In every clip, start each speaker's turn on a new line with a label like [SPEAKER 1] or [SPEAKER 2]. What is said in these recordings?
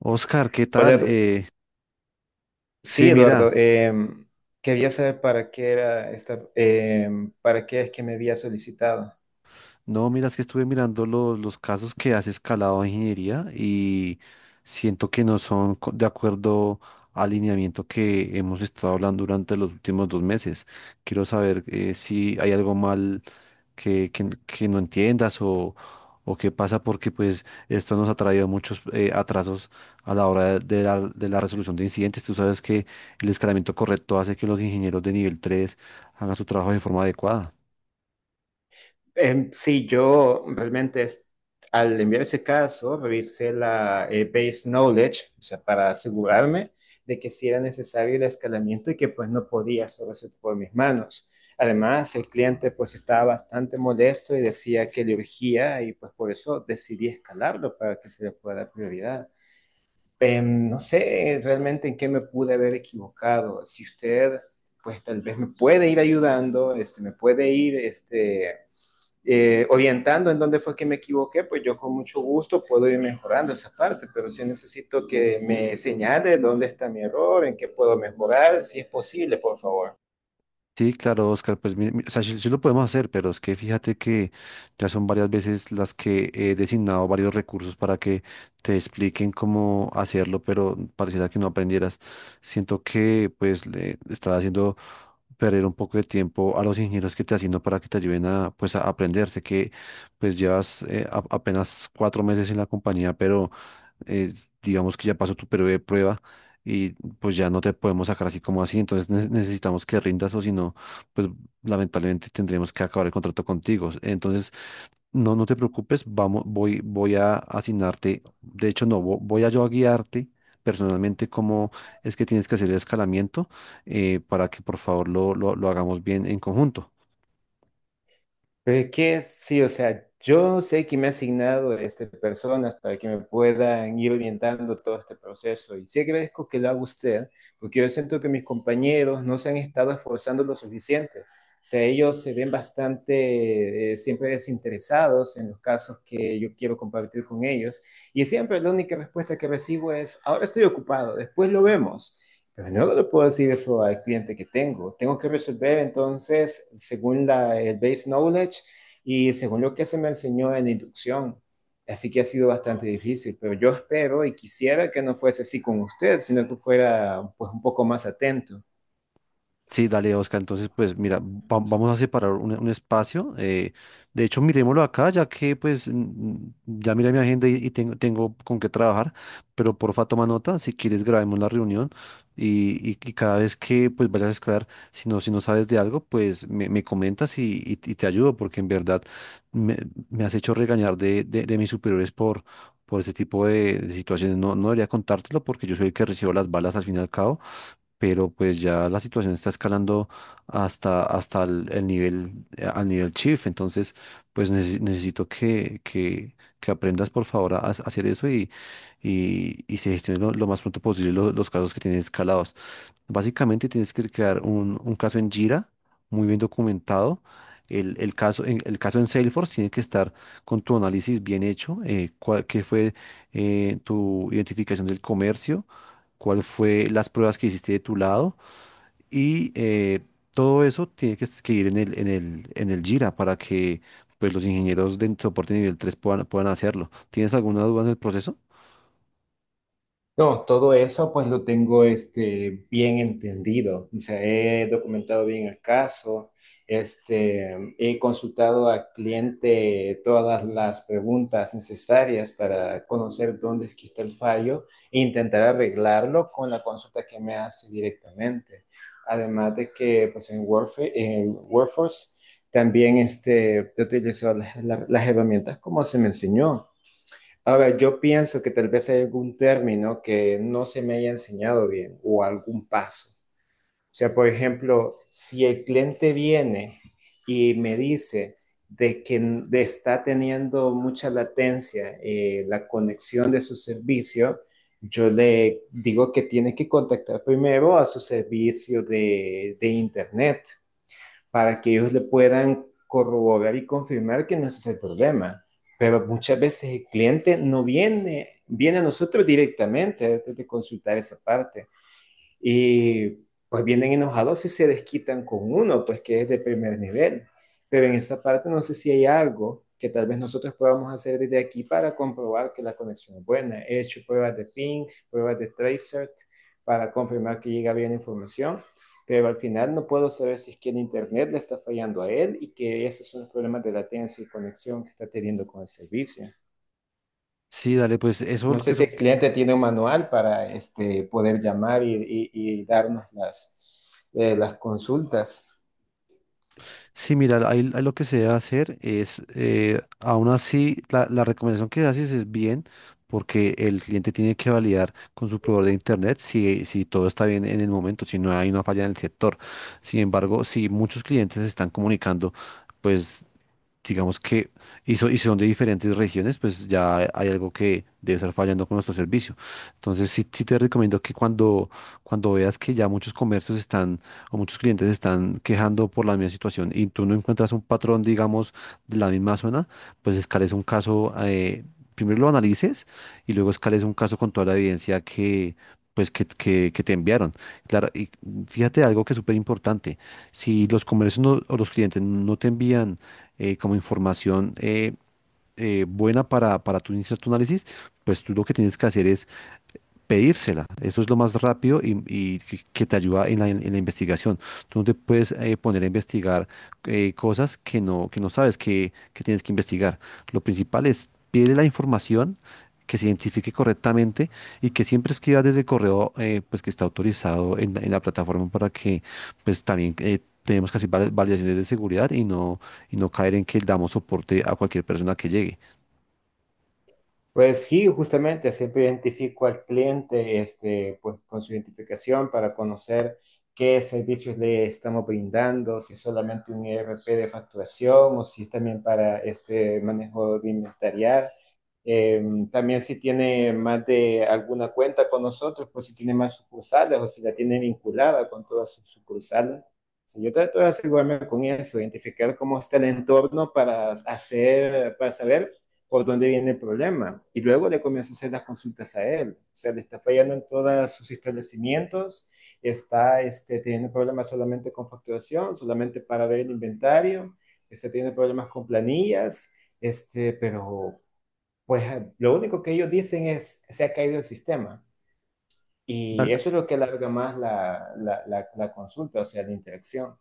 [SPEAKER 1] Oscar, ¿qué
[SPEAKER 2] Hola,
[SPEAKER 1] tal? Sí,
[SPEAKER 2] Eduardo.
[SPEAKER 1] mira.
[SPEAKER 2] Quería saber para qué era esta, para qué es que me había solicitado.
[SPEAKER 1] No, mira, es que estuve mirando los casos que has escalado en ingeniería y siento que no son de acuerdo al lineamiento que hemos estado hablando durante los últimos 2 meses. Quiero saber si hay algo mal que no entiendas o qué pasa porque pues esto nos ha traído muchos atrasos a la hora de la resolución de incidentes. Tú sabes que el escalamiento correcto hace que los ingenieros de nivel 3 hagan su trabajo de forma adecuada.
[SPEAKER 2] Sí, yo realmente. Al enviar ese caso revisé la base knowledge, o sea, para asegurarme de que si era necesario el escalamiento y que pues no podía hacer eso por mis manos. Además, el cliente pues estaba bastante molesto y decía que le urgía y pues por eso decidí escalarlo para que se le pueda dar prioridad. No sé realmente en qué me pude haber equivocado. Si usted, pues tal vez me puede ir ayudando, este, me puede ir este, orientando en dónde fue que me equivoqué, pues yo con mucho gusto puedo ir mejorando esa parte, pero sí necesito que me señale dónde está mi error, en qué puedo mejorar, si es posible, por favor.
[SPEAKER 1] Sí, claro, Oscar, pues o sea, sí lo podemos hacer, pero es que fíjate que ya son varias veces las que he designado varios recursos para que te expliquen cómo hacerlo, pero pareciera que no aprendieras. Siento que pues le estás haciendo perder un poco de tiempo a los ingenieros que te asigno para que te ayuden a pues a aprender. Sé que pues llevas apenas 4 meses en la compañía, pero eh, digamos que ya pasó tu periodo de prueba y pues ya no te podemos sacar así como así, entonces necesitamos que rindas o si no, pues lamentablemente tendremos que acabar el contrato contigo. Entonces, no, no te preocupes, vamos, voy a asignarte, de hecho no, voy a yo a guiarte personalmente cómo es que tienes que hacer el escalamiento para que por favor lo hagamos bien en conjunto.
[SPEAKER 2] Pero es que sí, o sea, yo sé que me ha asignado este, personas para que me puedan ir orientando todo este proceso y sí agradezco que lo haga usted, porque yo siento que mis compañeros no se han estado esforzando lo suficiente. O sea, ellos se ven bastante siempre desinteresados en los casos que yo quiero compartir con ellos y siempre la única respuesta que recibo es: ahora estoy ocupado, después lo vemos. Pero yo no le puedo decir eso al cliente que tengo. Tengo que resolver entonces según el base knowledge y según lo que se me enseñó en la inducción. Así que ha sido bastante difícil, pero yo espero y quisiera que no fuese así con usted, sino que fuera pues un poco más atento.
[SPEAKER 1] Sí, dale, Oscar. Entonces, pues mira, vamos a separar un espacio. De hecho, miremoslo acá, ya que pues ya mira, mi agenda y tengo con qué trabajar, pero porfa, toma nota, si quieres grabemos la reunión y cada vez que pues vayas a escalar, si no sabes de algo, pues me comentas y te ayudo, porque en verdad me, me has hecho regañar de mis superiores por este tipo de situaciones. No, no debería contártelo porque yo soy el que recibo las balas al fin y al cabo, pero pues ya la situación está escalando hasta el nivel, al nivel chief. Entonces, pues necesito que aprendas por favor a hacer eso y se gestionen lo más pronto posible los casos que tienes escalados. Básicamente tienes que crear un caso en Jira, muy bien documentado. El caso, el caso en Salesforce tiene que estar con tu análisis bien hecho. Cuál, qué fue tu identificación del comercio, cuál fue las pruebas que hiciste de tu lado y todo eso tiene que, que ir en el Jira para que, pues, los ingenieros de soporte nivel 3 puedan hacerlo. ¿Tienes alguna duda en el proceso?
[SPEAKER 2] No, todo eso pues lo tengo este, bien entendido. O sea, he documentado bien el caso, este, he consultado al cliente todas las preguntas necesarias para conocer dónde es que está el fallo e intentar arreglarlo con la consulta que me hace directamente. Además de que pues en Workforce también este, he utilizado las las herramientas como se me enseñó. A ver, yo pienso que tal vez hay algún término que no se me haya enseñado bien o algún paso. O sea, por ejemplo, si el cliente viene y me dice de que n- de está teniendo mucha latencia la conexión de su servicio, yo le digo que tiene que contactar primero a su servicio de internet para que ellos le puedan corroborar y confirmar que no ese es ese el problema. Pero muchas veces el cliente no viene, viene a nosotros directamente antes de consultar esa parte. Y pues vienen enojados y se desquitan con uno, pues que es de primer nivel. Pero en esa parte no sé si hay algo que tal vez nosotros podamos hacer desde aquí para comprobar que la conexión es buena. He hecho pruebas de ping, pruebas de tracer para confirmar que llega bien la información, pero al final no puedo saber si es que el internet le está fallando a él y que esos son los problemas de latencia y conexión que está teniendo con el servicio.
[SPEAKER 1] Sí, dale, pues eso,
[SPEAKER 2] No sé si
[SPEAKER 1] eso
[SPEAKER 2] el cliente tiene un manual para este, poder llamar y- y darnos las, las consultas.
[SPEAKER 1] Sí, mira, ahí lo que se debe hacer es, aún así, la recomendación que haces es bien, porque el cliente tiene que validar con su proveedor de internet si todo está bien en el momento, si no hay una falla en el sector. Sin embargo, si muchos clientes se están comunicando, pues digamos que, y son de diferentes regiones, pues ya hay algo que debe estar fallando con nuestro servicio. Entonces, sí te recomiendo que cuando veas que ya muchos comercios están, o muchos clientes están quejando por la misma situación y tú no encuentras un patrón, digamos, de la misma zona, pues escales un caso, primero lo analices y luego escales un caso con toda la evidencia que... pues que te enviaron. Claro, y fíjate algo que es súper importante. Si los comercios o los clientes no te envían como información buena para tú iniciar tu análisis, pues tú lo que tienes que hacer es pedírsela. Eso es lo más rápido y que te ayuda en la investigación. Tú no te puedes poner a investigar cosas que no sabes que tienes que investigar. Lo principal es pide la información, que se identifique correctamente y que siempre escriba desde el correo, pues, que está autorizado en la plataforma para que, pues, también tenemos que hacer validaciones de seguridad y no caer en que damos soporte a cualquier persona que llegue.
[SPEAKER 2] Pues sí, justamente siempre identifico al cliente, este, pues con su identificación para conocer qué servicios le estamos brindando, si es solamente un ERP de facturación o si es también para este manejo de inventariar. Eh, También si tiene más de alguna cuenta con nosotros, pues si tiene más sucursales o si la tiene vinculada con todas sus sucursales. Sí, yo trato de asegurarme con eso, identificar cómo está el entorno para hacer, para saber por dónde viene el problema. Y luego le comienzo a hacer las consultas a él. O sea, le está fallando en todos sus establecimientos, está este, teniendo problemas solamente con facturación, solamente para ver el inventario, está teniendo problemas con planillas, este, pero pues lo único que ellos dicen es: se ha caído el sistema. Y eso es lo que alarga más la consulta, o sea, la interacción.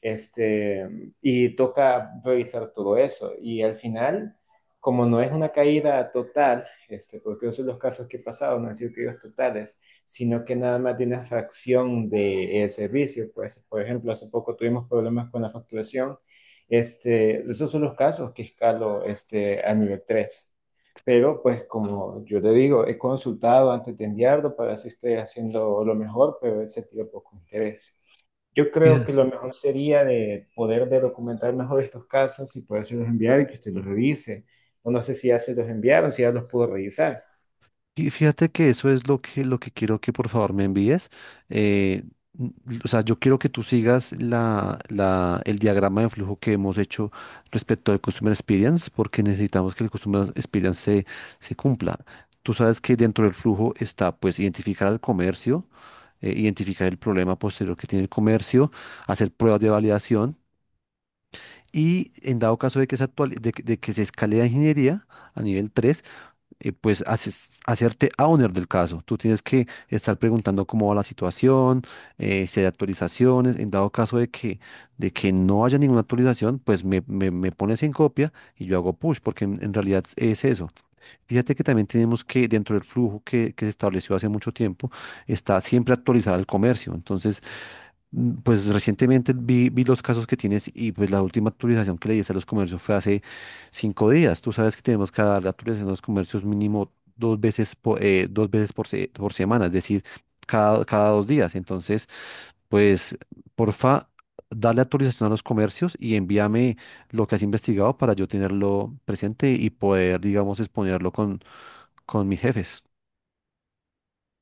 [SPEAKER 2] Este, y toca revisar todo eso. Y al final, como no es una caída total, este, porque esos son los casos que he pasado, no han sido caídas totales, sino que nada más de una fracción del servicio. Pues, por ejemplo, hace poco tuvimos problemas con la facturación. Este, esos son los casos que escalo este, a nivel tres, pero pues como yo te digo, he consultado antes de enviarlo para ver si estoy haciendo lo mejor, pero he sentido poco interés. Yo creo
[SPEAKER 1] Tal-
[SPEAKER 2] que lo mejor sería de poder de documentar mejor estos casos y poderse los enviar y que usted los revise. O no sé si ya se los enviaron, si ya los pudo revisar.
[SPEAKER 1] Y fíjate que eso es lo que, quiero que por favor me envíes. Eh, n- o sea, yo quiero que tú sigas el diagrama de flujo que hemos hecho respecto al Customer Experience, porque necesitamos que el Customer Experience se cumpla. Tú sabes que dentro del flujo está, pues, identificar al comercio, identificar el problema posterior que tiene el comercio, hacer pruebas de validación y, en dado caso de que se, actuali- de que se escale a ingeniería a nivel 3, pues hacerte owner del caso. Tú tienes que estar preguntando cómo va la situación, si hay actualizaciones. En dado caso de que no haya ninguna actualización, pues me pones en copia y yo hago push, porque en realidad es eso. Fíjate que también tenemos que, dentro del flujo que se estableció hace mucho tiempo, está siempre actualizar el comercio. Entonces, pues recientemente vi los casos que tienes, y pues la última actualización que le diste a los comercios fue hace 5 días. Tú sabes que tenemos que dar la actualización a los comercios mínimo 2 veces por, dos veces por, se- por semana, es decir, cada 2 días. Entonces, pues porfa, dale actualización a los comercios y envíame lo que has investigado para yo tenerlo presente y poder, digamos, exponerlo con, mis jefes.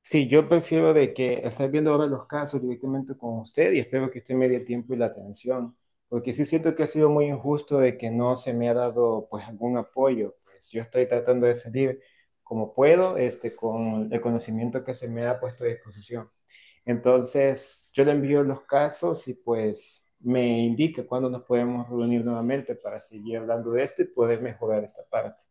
[SPEAKER 2] Sí, yo prefiero de que estar viendo ahora los casos directamente con usted y espero que usted me dé tiempo y la atención, porque sí siento que ha sido muy injusto de que no se me ha dado pues algún apoyo. Pues yo estoy tratando de salir como puedo, este, con el conocimiento que se me ha puesto a disposición. Entonces, yo le envío los casos y pues me indica cuándo nos podemos reunir nuevamente para seguir hablando de esto y poder mejorar esta parte.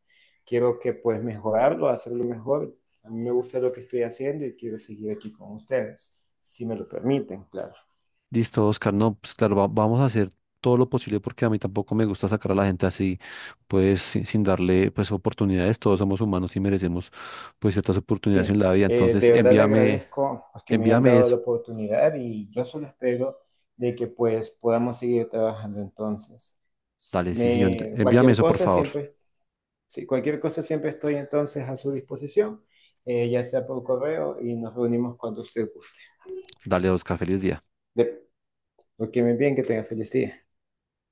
[SPEAKER 2] Quiero que pues mejorarlo, hacerlo mejor. A mí me gusta lo que estoy haciendo y quiero seguir aquí con ustedes, si me lo permiten, claro.
[SPEAKER 1] Listo, Oscar. No, pues claro, vamos a hacer todo lo posible, porque a mí tampoco me gusta sacar a la gente así, pues sin darle pues oportunidades. Todos somos humanos y merecemos pues ciertas oportunidades
[SPEAKER 2] Sí,
[SPEAKER 1] en la vida. Entonces,
[SPEAKER 2] de verdad le
[SPEAKER 1] envíame,
[SPEAKER 2] agradezco pues, que me hayan dado la
[SPEAKER 1] eso.
[SPEAKER 2] oportunidad y yo solo espero de que pues podamos seguir trabajando entonces.
[SPEAKER 1] Dale, sí, señor. Envíame
[SPEAKER 2] Cualquier
[SPEAKER 1] eso, por
[SPEAKER 2] cosa
[SPEAKER 1] favor.
[SPEAKER 2] siempre. Sí, cualquier cosa siempre estoy entonces a su disposición, ya sea por correo y nos reunimos cuando usted guste.
[SPEAKER 1] Dale, Oscar. Feliz día.
[SPEAKER 2] De, lo que me bien, que tenga feliz día.